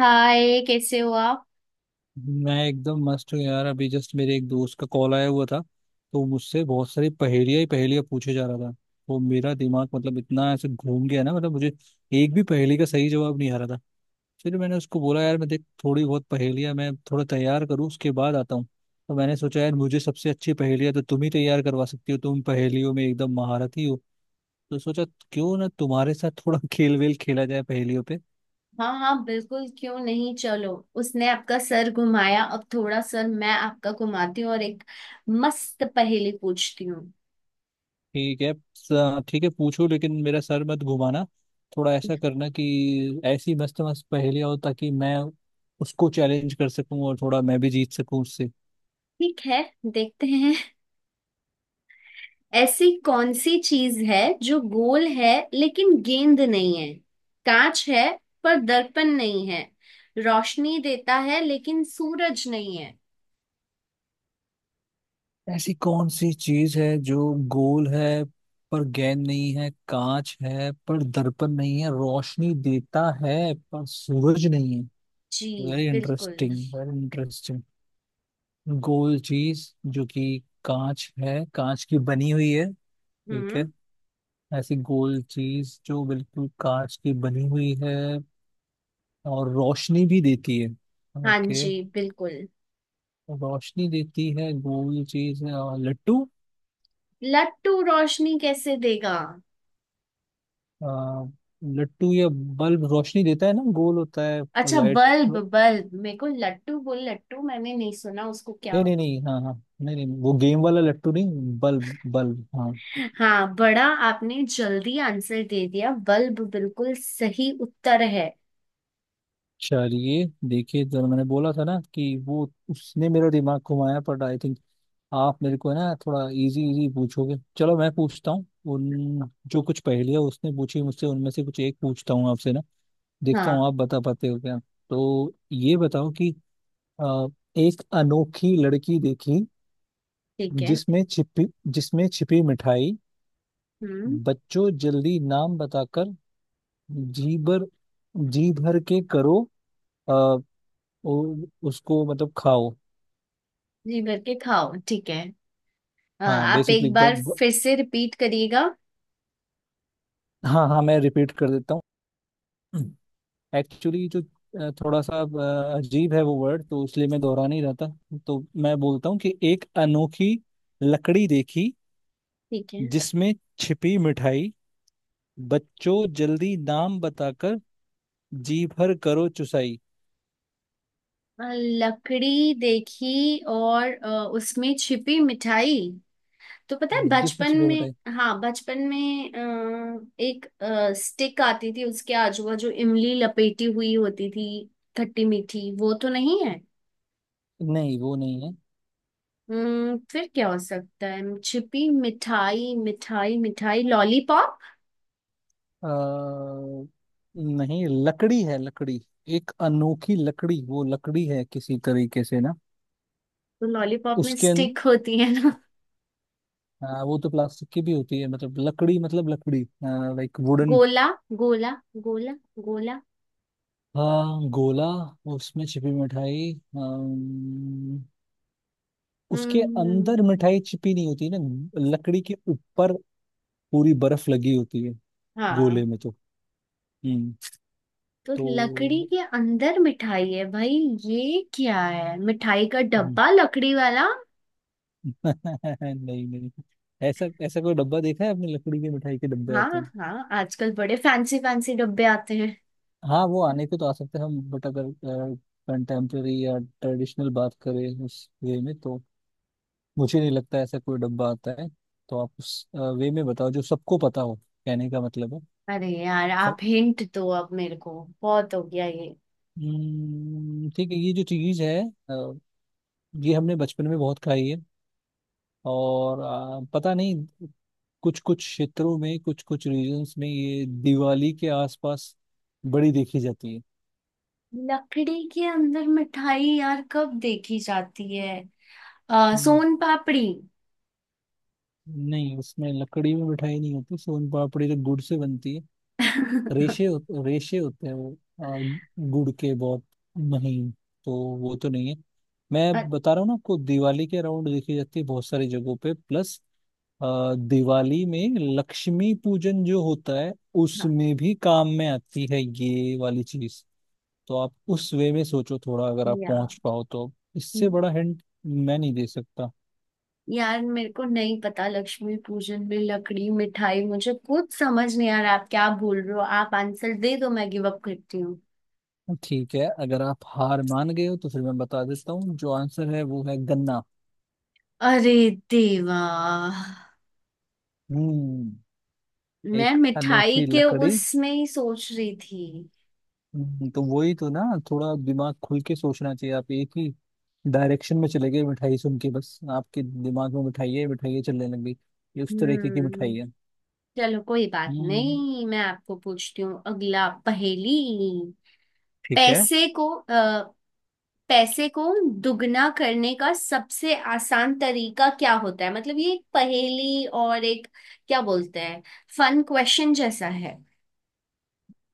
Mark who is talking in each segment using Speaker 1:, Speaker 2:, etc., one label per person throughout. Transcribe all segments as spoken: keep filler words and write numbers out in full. Speaker 1: हाय, कैसे हो आप?
Speaker 2: मैं एकदम मस्त हूँ यार। अभी जस्ट मेरे एक दोस्त का कॉल आया हुआ था तो मुझसे बहुत सारी पहेलियां ही पहेलियां पूछे जा रहा था। तो मेरा दिमाग मतलब इतना ऐसे घूम गया ना, मतलब मुझे एक भी पहेली का सही जवाब नहीं आ रहा था। फिर मैंने उसको बोला यार मैं देख थोड़ी बहुत पहेलियां मैं थोड़ा तैयार करूँ उसके बाद आता हूँ। तो मैंने सोचा यार मुझे सबसे अच्छी पहेलियां तो तुम ही तैयार करवा सकती हो, तुम पहेलियों में एकदम महारथी हो। तो सोचा क्यों ना तुम्हारे साथ थोड़ा खेल वेल खेला जाए पहेलियों पे।
Speaker 1: हाँ हाँ, बिल्कुल, क्यों नहीं, चलो। उसने आपका सर घुमाया, अब थोड़ा सर मैं आपका घुमाती हूँ और एक मस्त पहेली पूछती हूँ।
Speaker 2: ठीक है स- ठीक है पूछो लेकिन मेरा सर मत घुमाना। थोड़ा ऐसा करना कि ऐसी मस्त मस्त पहेलियां हो ताकि मैं उसको चैलेंज कर सकूं और थोड़ा मैं भी जीत सकूं उससे।
Speaker 1: ठीक है, देखते हैं। ऐसी कौन सी चीज है जो गोल है लेकिन गेंद नहीं है, कांच है पर दर्पण नहीं है, रोशनी देता है लेकिन सूरज नहीं है?
Speaker 2: ऐसी कौन सी चीज है जो गोल है पर गेंद नहीं है, कांच है पर दर्पण नहीं है, रोशनी देता है पर सूरज नहीं है?
Speaker 1: जी,
Speaker 2: वेरी
Speaker 1: बिल्कुल।
Speaker 2: Interesting, very interesting. गोल चीज जो कि कांच है, कांच की बनी हुई है। ठीक है।
Speaker 1: हम्म।
Speaker 2: ऐसी गोल चीज जो बिल्कुल कांच की बनी हुई है और रोशनी भी देती है।
Speaker 1: हाँ
Speaker 2: ओके।
Speaker 1: जी, बिल्कुल।
Speaker 2: रोशनी देती है गोल चीज, अ, लट्टू।
Speaker 1: लट्टू रोशनी कैसे देगा?
Speaker 2: अ, लट्टू या बल्ब रोशनी देता है ना, गोल होता है।
Speaker 1: अच्छा,
Speaker 2: लाइट।
Speaker 1: बल्ब।
Speaker 2: नहीं।
Speaker 1: बल्ब मेरे को लट्टू बोल, लट्टू मैंने नहीं सुना उसको, क्या हो।
Speaker 2: नहीं नहीं, हाँ हाँ। नहीं नहीं वो गेम वाला लट्टू नहीं, बल्ब बल्ब, हाँ।
Speaker 1: हाँ, बड़ा। आपने जल्दी आंसर दे दिया, बल्ब बिल्कुल सही उत्तर है।
Speaker 2: चलिए देखिए जरा, मैंने बोला था ना कि वो उसने मेरा दिमाग घुमाया, बट आई थिंक आप मेरे को है ना थोड़ा इजी इजी पूछोगे। चलो मैं पूछता हूँ उन जो कुछ पहेलियाँ उसने पूछी मुझसे, उनमें से कुछ एक पूछता हूँ आपसे ना। देखता हूँ
Speaker 1: हाँ।
Speaker 2: आप बता पाते हो क्या। तो ये बताओ कि अ, एक अनोखी लड़की देखी,
Speaker 1: ठीक है।
Speaker 2: जिसमें छिपी जिसमें छिपी मिठाई,
Speaker 1: हम्म।
Speaker 2: बच्चों जल्दी नाम बताकर जी भर जी भर के करो, अ, उ- उसको मतलब खाओ।
Speaker 1: जी भर के खाओ, ठीक है। अ,
Speaker 2: हाँ
Speaker 1: आप
Speaker 2: बेसिकली।
Speaker 1: एक बार फिर से रिपीट करिएगा।
Speaker 2: हाँ हाँ मैं रिपीट कर देता हूँ। एक्चुअली जो अ, थोड़ा सा अ, अजीब है वो वर्ड, तो इसलिए मैं दोहरा नहीं रहता। तो मैं बोलता हूँ कि एक अनोखी लकड़ी देखी,
Speaker 1: ठीक है।
Speaker 2: जिसमें छिपी मिठाई, बच्चों जल्दी नाम बताकर जी भर करो चुसाई।
Speaker 1: अ, लकड़ी देखी और अ, उसमें छिपी मिठाई, तो पता है
Speaker 2: जिसमें
Speaker 1: बचपन
Speaker 2: छिपी
Speaker 1: में।
Speaker 2: मिठाई।
Speaker 1: हाँ, बचपन में अ, एक स्टिक आती थी, उसके आजू बाजू इमली लपेटी हुई होती थी, खट्टी मीठी, वो तो नहीं है।
Speaker 2: नहीं वो नहीं है।
Speaker 1: हम्म, फिर क्या हो सकता है? छिपी मिठाई, मिठाई, मिठाई, लॉलीपॉप?
Speaker 2: अ, नहीं लकड़ी है लकड़ी। एक अनोखी लकड़ी, वो लकड़ी है किसी तरीके से ना।
Speaker 1: तो लॉलीपॉप में
Speaker 2: उसके अं-
Speaker 1: स्टिक होती है ना।
Speaker 2: हाँ वो तो प्लास्टिक की भी होती है, मतलब लकड़ी मतलब लकड़ी, लाइक वुडन।
Speaker 1: गोला, गोला, गोला, गोला।
Speaker 2: हाँ गोला। उसमें छिपी मिठाई। अम, उसके अंदर
Speaker 1: हम्म,
Speaker 2: मिठाई छिपी नहीं होती ना, लकड़ी के ऊपर पूरी बर्फ लगी होती है गोले
Speaker 1: हाँ।
Speaker 2: में तो। हम्म
Speaker 1: तो लकड़ी
Speaker 2: तो।
Speaker 1: के अंदर मिठाई है भाई? ये क्या है, मिठाई का
Speaker 2: हम्म,
Speaker 1: डब्बा लकड़ी वाला?
Speaker 2: नहीं नहीं। ऐसा ऐसा कोई डब्बा देखा है आपने? लकड़ी की मिठाई के डब्बे आते
Speaker 1: हाँ
Speaker 2: हैं?
Speaker 1: हाँ, आजकल बड़े फैंसी फैंसी डब्बे आते हैं।
Speaker 2: हाँ वो आने के तो आ सकते हैं हम, बट अगर कंटेम्प्रेरी या ट्रेडिशनल बात करें उस वे में तो मुझे नहीं लगता ऐसा कोई डब्बा आता है। तो आप उस वे में बताओ जो सबको पता हो, कहने का मतलब है।
Speaker 1: अरे यार, आप
Speaker 2: फै-
Speaker 1: हिंट दो अब मेरे को, बहुत हो गया ये।
Speaker 2: हम्म, ठीक है, ये जो चीज है अ, ये हमने बचपन में बहुत खाई है। और अ, पता नहीं, कुछ कुछ क्षेत्रों में, कुछ कुछ रीजन्स में ये दिवाली के आसपास बड़ी देखी जाती है।
Speaker 1: लकड़ी के अंदर मिठाई यार कब देखी जाती है? आ,
Speaker 2: हम्म,
Speaker 1: सोन पापड़ी।
Speaker 2: नहीं उसमें, लकड़ी में मिठाई नहीं होती, सोन पापड़ी तो गुड़ से बनती है। रेशे होत- रेशे होते हैं वो, आ, गुड़ के, बहुत महीन। तो वो तो नहीं है।
Speaker 1: अच्छा।
Speaker 2: मैं बता रहा हूँ ना आपको, दिवाली के अराउंड देखी जाती है बहुत सारी जगहों पे, प्लस दिवाली में लक्ष्मी पूजन जो होता है उसमें भी काम में आती है ये वाली चीज। तो आप उस वे में सोचो थोड़ा, अगर आप
Speaker 1: यार
Speaker 2: पहुंच पाओ तो। इससे बड़ा हिंट मैं नहीं दे सकता।
Speaker 1: यार, मेरे को नहीं पता, लक्ष्मी पूजन में लकड़ी मिठाई, मुझे कुछ समझ नहीं आ रहा, आप क्या बोल रहे हो? आप आंसर दे दो, मैं गिव अप करती हूँ।
Speaker 2: ठीक है, अगर आप हार मान गए हो तो फिर मैं बता देता हूँ, जो आंसर है वो है गन्ना।
Speaker 1: अरे देवा,
Speaker 2: हम्म।
Speaker 1: मैं
Speaker 2: एक
Speaker 1: मिठाई
Speaker 2: अनोखी
Speaker 1: के
Speaker 2: लकड़ी।
Speaker 1: उसमें ही सोच रही थी।
Speaker 2: हम्म, तो वही तो ना। थोड़ा दिमाग खुल के सोचना चाहिए, आप एक ही डायरेक्शन में चले गए, मिठाई सुन के बस आपके दिमाग में मिठाई है मिठाई है चलने लग गई। ये उस तरीके की
Speaker 1: हम्म,
Speaker 2: मिठाई है।
Speaker 1: चलो कोई बात
Speaker 2: हम्म
Speaker 1: नहीं, मैं आपको पूछती हूँ अगला पहेली।
Speaker 2: ठीक है।
Speaker 1: पैसे को अ, पैसे को दुगना करने का सबसे आसान तरीका क्या होता है? मतलब ये एक पहेली और एक, क्या बोलते हैं, फन क्वेश्चन जैसा है।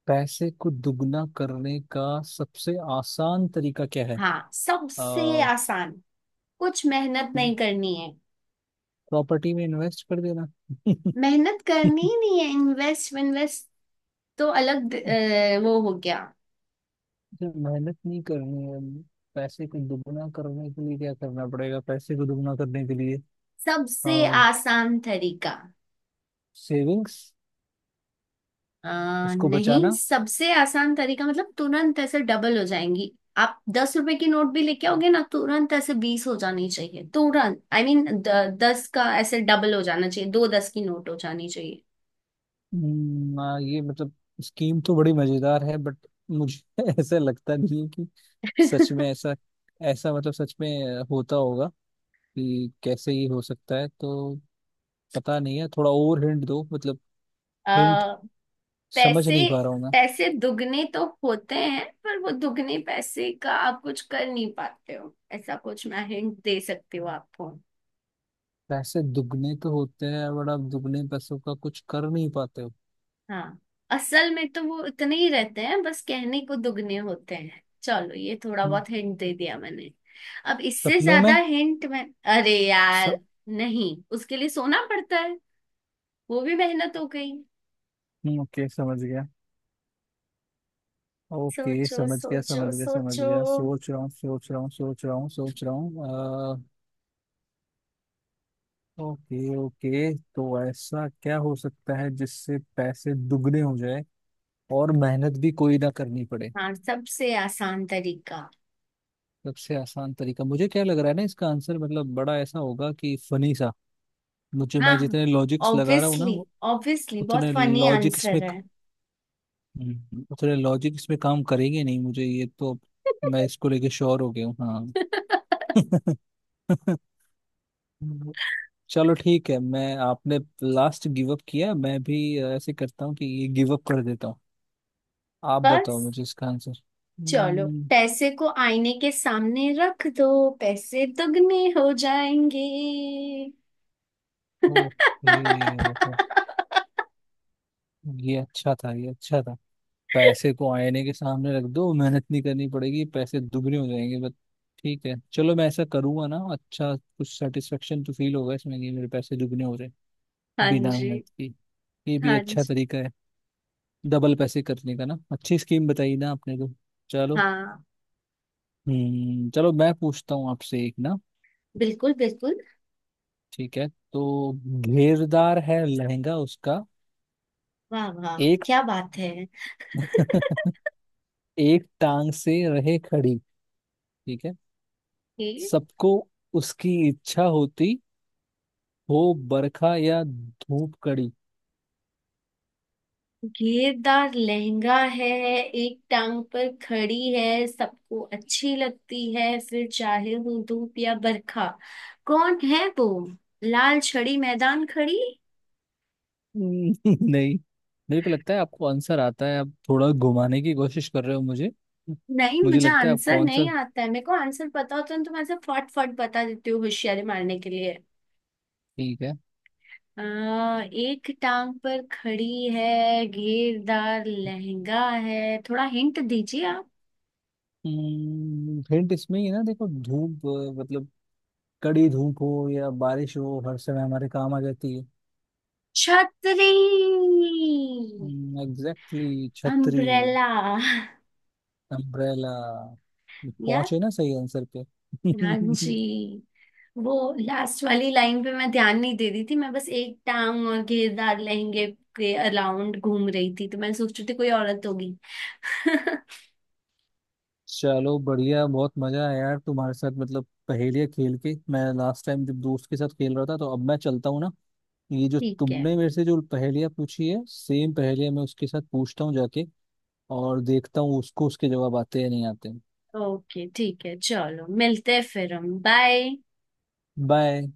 Speaker 2: पैसे को दुगना करने का सबसे आसान तरीका क्या है?
Speaker 1: हाँ, सबसे आसान, कुछ मेहनत नहीं करनी है।
Speaker 2: प्रॉपर्टी में इन्वेस्ट कर देना।
Speaker 1: मेहनत करनी ही नहीं है, इन्वेस्ट इन्वेस्ट तो अलग,
Speaker 2: अच्छा,
Speaker 1: अ, वो हो गया।
Speaker 2: मेहनत नहीं करनी है। पैसे को दुगना करने के लिए क्या करना पड़ेगा, पैसे को दुगना करने के लिए?
Speaker 1: सबसे आसान तरीका,
Speaker 2: सेविंग्स,
Speaker 1: अ,
Speaker 2: उसको
Speaker 1: नहीं
Speaker 2: बचाना।
Speaker 1: सबसे आसान तरीका मतलब तुरंत ऐसे डबल हो जाएंगी। आप दस रुपए की नोट भी लेके आओगे ना, तुरंत ऐसे बीस हो जानी चाहिए, तुरंत आई I मीन mean, दस का ऐसे डबल हो जाना चाहिए, दो दस की नोट हो जानी चाहिए।
Speaker 2: हम्म, आ, ये मतलब स्कीम तो बड़ी मजेदार है, बट मुझे ऐसा लगता नहीं है कि सच में ऐसा ऐसा मतलब सच में होता होगा, कि कैसे ये हो सकता है। तो पता नहीं है, थोड़ा और हिंट दो मतलब,
Speaker 1: अ,
Speaker 2: हिंट। समझ
Speaker 1: पैसे
Speaker 2: नहीं पा रहा हूँ मैं।
Speaker 1: पैसे दुगने तो होते हैं, पर वो दुगने पैसे का आप कुछ कर नहीं पाते हो, ऐसा कुछ मैं हिंट दे सकती हूँ आपको।
Speaker 2: पैसे दुगने तो होते हैं, बट आप दुगने पैसों का कुछ कर नहीं पाते हो।
Speaker 1: हाँ, असल में तो वो इतने ही रहते हैं, बस कहने को दुगने होते हैं। चलो, ये थोड़ा
Speaker 2: हम्म,
Speaker 1: बहुत हिंट दे दिया मैंने, अब इससे
Speaker 2: सपनों
Speaker 1: ज्यादा
Speaker 2: में।
Speaker 1: हिंट मैं। अरे
Speaker 2: स...
Speaker 1: यार, नहीं, उसके लिए सोना पड़ता है, वो भी मेहनत हो गई।
Speaker 2: ओके समझ गया। ओके
Speaker 1: सोचो,
Speaker 2: समझ गया,
Speaker 1: सोचो,
Speaker 2: समझ गया, समझ
Speaker 1: सोचो।
Speaker 2: गया। सोच रहा हूँ, सोच रहा हूँ, सोच रहा हूँ, सोच रहा हूँ। ओके ओके, तो ऐसा क्या हो सकता है जिससे पैसे दुगने हो जाए और मेहनत भी कोई ना करनी पड़े?
Speaker 1: हाँ, सबसे आसान तरीका।
Speaker 2: सबसे आसान तरीका। मुझे क्या लग रहा है ना, इसका आंसर मतलब बड़ा ऐसा होगा कि फनी सा। मुझे, मैं
Speaker 1: हाँ,
Speaker 2: जितने लॉजिक्स लगा रहा हूँ ना
Speaker 1: ऑब्वियसली।
Speaker 2: वो,
Speaker 1: ऑब्वियसली बहुत
Speaker 2: उतने
Speaker 1: फनी
Speaker 2: लॉजिक इसमें,
Speaker 1: आंसर है।
Speaker 2: हम्म, उतने लॉजिक इसमें काम करेंगे नहीं मुझे, ये तो। मैं इसको लेके श्योर हो गया हूँ हाँ। चलो ठीक है, मैं, आपने लास्ट गिव अप किया, मैं भी ऐसे करता हूँ कि ये गिव अप कर देता हूँ। आप बताओ
Speaker 1: बस,
Speaker 2: मुझे इसका आंसर।
Speaker 1: चलो,
Speaker 2: हम्म,
Speaker 1: पैसे को आईने के सामने रख दो, पैसे दुगने हो जाएंगे।
Speaker 2: ओके मतलब। ये अच्छा था, ये अच्छा था। पैसे को आईने के सामने रख दो, मेहनत नहीं करनी पड़ेगी, पैसे दुगने हो जाएंगे, बट ठीक है, चलो मैं ऐसा करूंगा ना, अच्छा कुछ सेटिस्फेक्शन तो फील होगा इसमें कि मेरे पैसे दुगने हो रहे हैं
Speaker 1: हाँ
Speaker 2: बिना
Speaker 1: जी।
Speaker 2: मेहनत की। ये भी
Speaker 1: हाँ
Speaker 2: अच्छा
Speaker 1: जी,
Speaker 2: तरीका है डबल पैसे करने का ना, अच्छी स्कीम बताई ना आपने तो। चलो।
Speaker 1: हाँ,
Speaker 2: हम्म चलो मैं पूछता हूँ आपसे एक ना।
Speaker 1: बिल्कुल, बिल्कुल।
Speaker 2: ठीक है। तो, घेरदार है लहंगा उसका,
Speaker 1: वाह वाह,
Speaker 2: एक
Speaker 1: क्या बात है!
Speaker 2: एक टांग से रहे खड़ी, ठीक है,
Speaker 1: ये
Speaker 2: सबको उसकी इच्छा होती हो, बरखा या धूप कड़ी।
Speaker 1: घेरदार लहंगा है, एक टांग पर खड़ी है, सबको अच्छी लगती है, फिर चाहे हो धूप या बरखा। कौन है वो? लाल छड़ी मैदान खड़ी।
Speaker 2: हम्म, नहीं, मेरे को लगता है आपको आंसर आता है, आप थोड़ा घुमाने की कोशिश कर रहे हो मुझे।
Speaker 1: नहीं,
Speaker 2: मुझे
Speaker 1: मुझे
Speaker 2: लगता है
Speaker 1: आंसर
Speaker 2: आपको
Speaker 1: नहीं
Speaker 2: आंसर।
Speaker 1: आता है, मेरे को आंसर पता होता है तो मैं ऐसे फट फट बता देती हूँ होशियारी मारने के लिए।
Speaker 2: ठीक है।
Speaker 1: आ, एक टांग पर खड़ी है, घेरदार लहंगा है, थोड़ा हिंट दीजिए आप।
Speaker 2: हम्म, हिंट इसमें ही है ना देखो, धूप अ, मतलब कड़ी धूप हो या बारिश हो, हर समय हमारे काम आ जाती है।
Speaker 1: छतरी।
Speaker 2: एग्जैक्टली, छतरी।
Speaker 1: अम्ब्रेला।
Speaker 2: अम्ब्रेला।
Speaker 1: यार।
Speaker 2: पहुंचे ना सही आंसर पे।
Speaker 1: हाँ जी, वो लास्ट वाली लाइन पे मैं ध्यान नहीं दे रही थी, मैं बस एक टांग और घेरदार लहंगे के अराउंड घूम रही थी तो मैं सोच रही थी कोई औरत होगी।
Speaker 2: चलो बढ़िया, बहुत मजा आया यार तुम्हारे साथ, मतलब पहेलियाँ खेल के। मैं लास्ट टाइम जब दोस्त के साथ खेल रहा था, तो अब मैं चलता हूँ ना। ये जो
Speaker 1: ठीक है,
Speaker 2: तुमने मेरे से जो पहेलियाँ पूछी है, सेम पहेलियाँ मैं उसके साथ पूछता हूँ जाके, और देखता हूँ उसको उसके जवाब आते हैं या नहीं आते हैं।
Speaker 1: ओके, ठीक है, चलो, मिलते हैं फिर हम, बाय।
Speaker 2: बाय।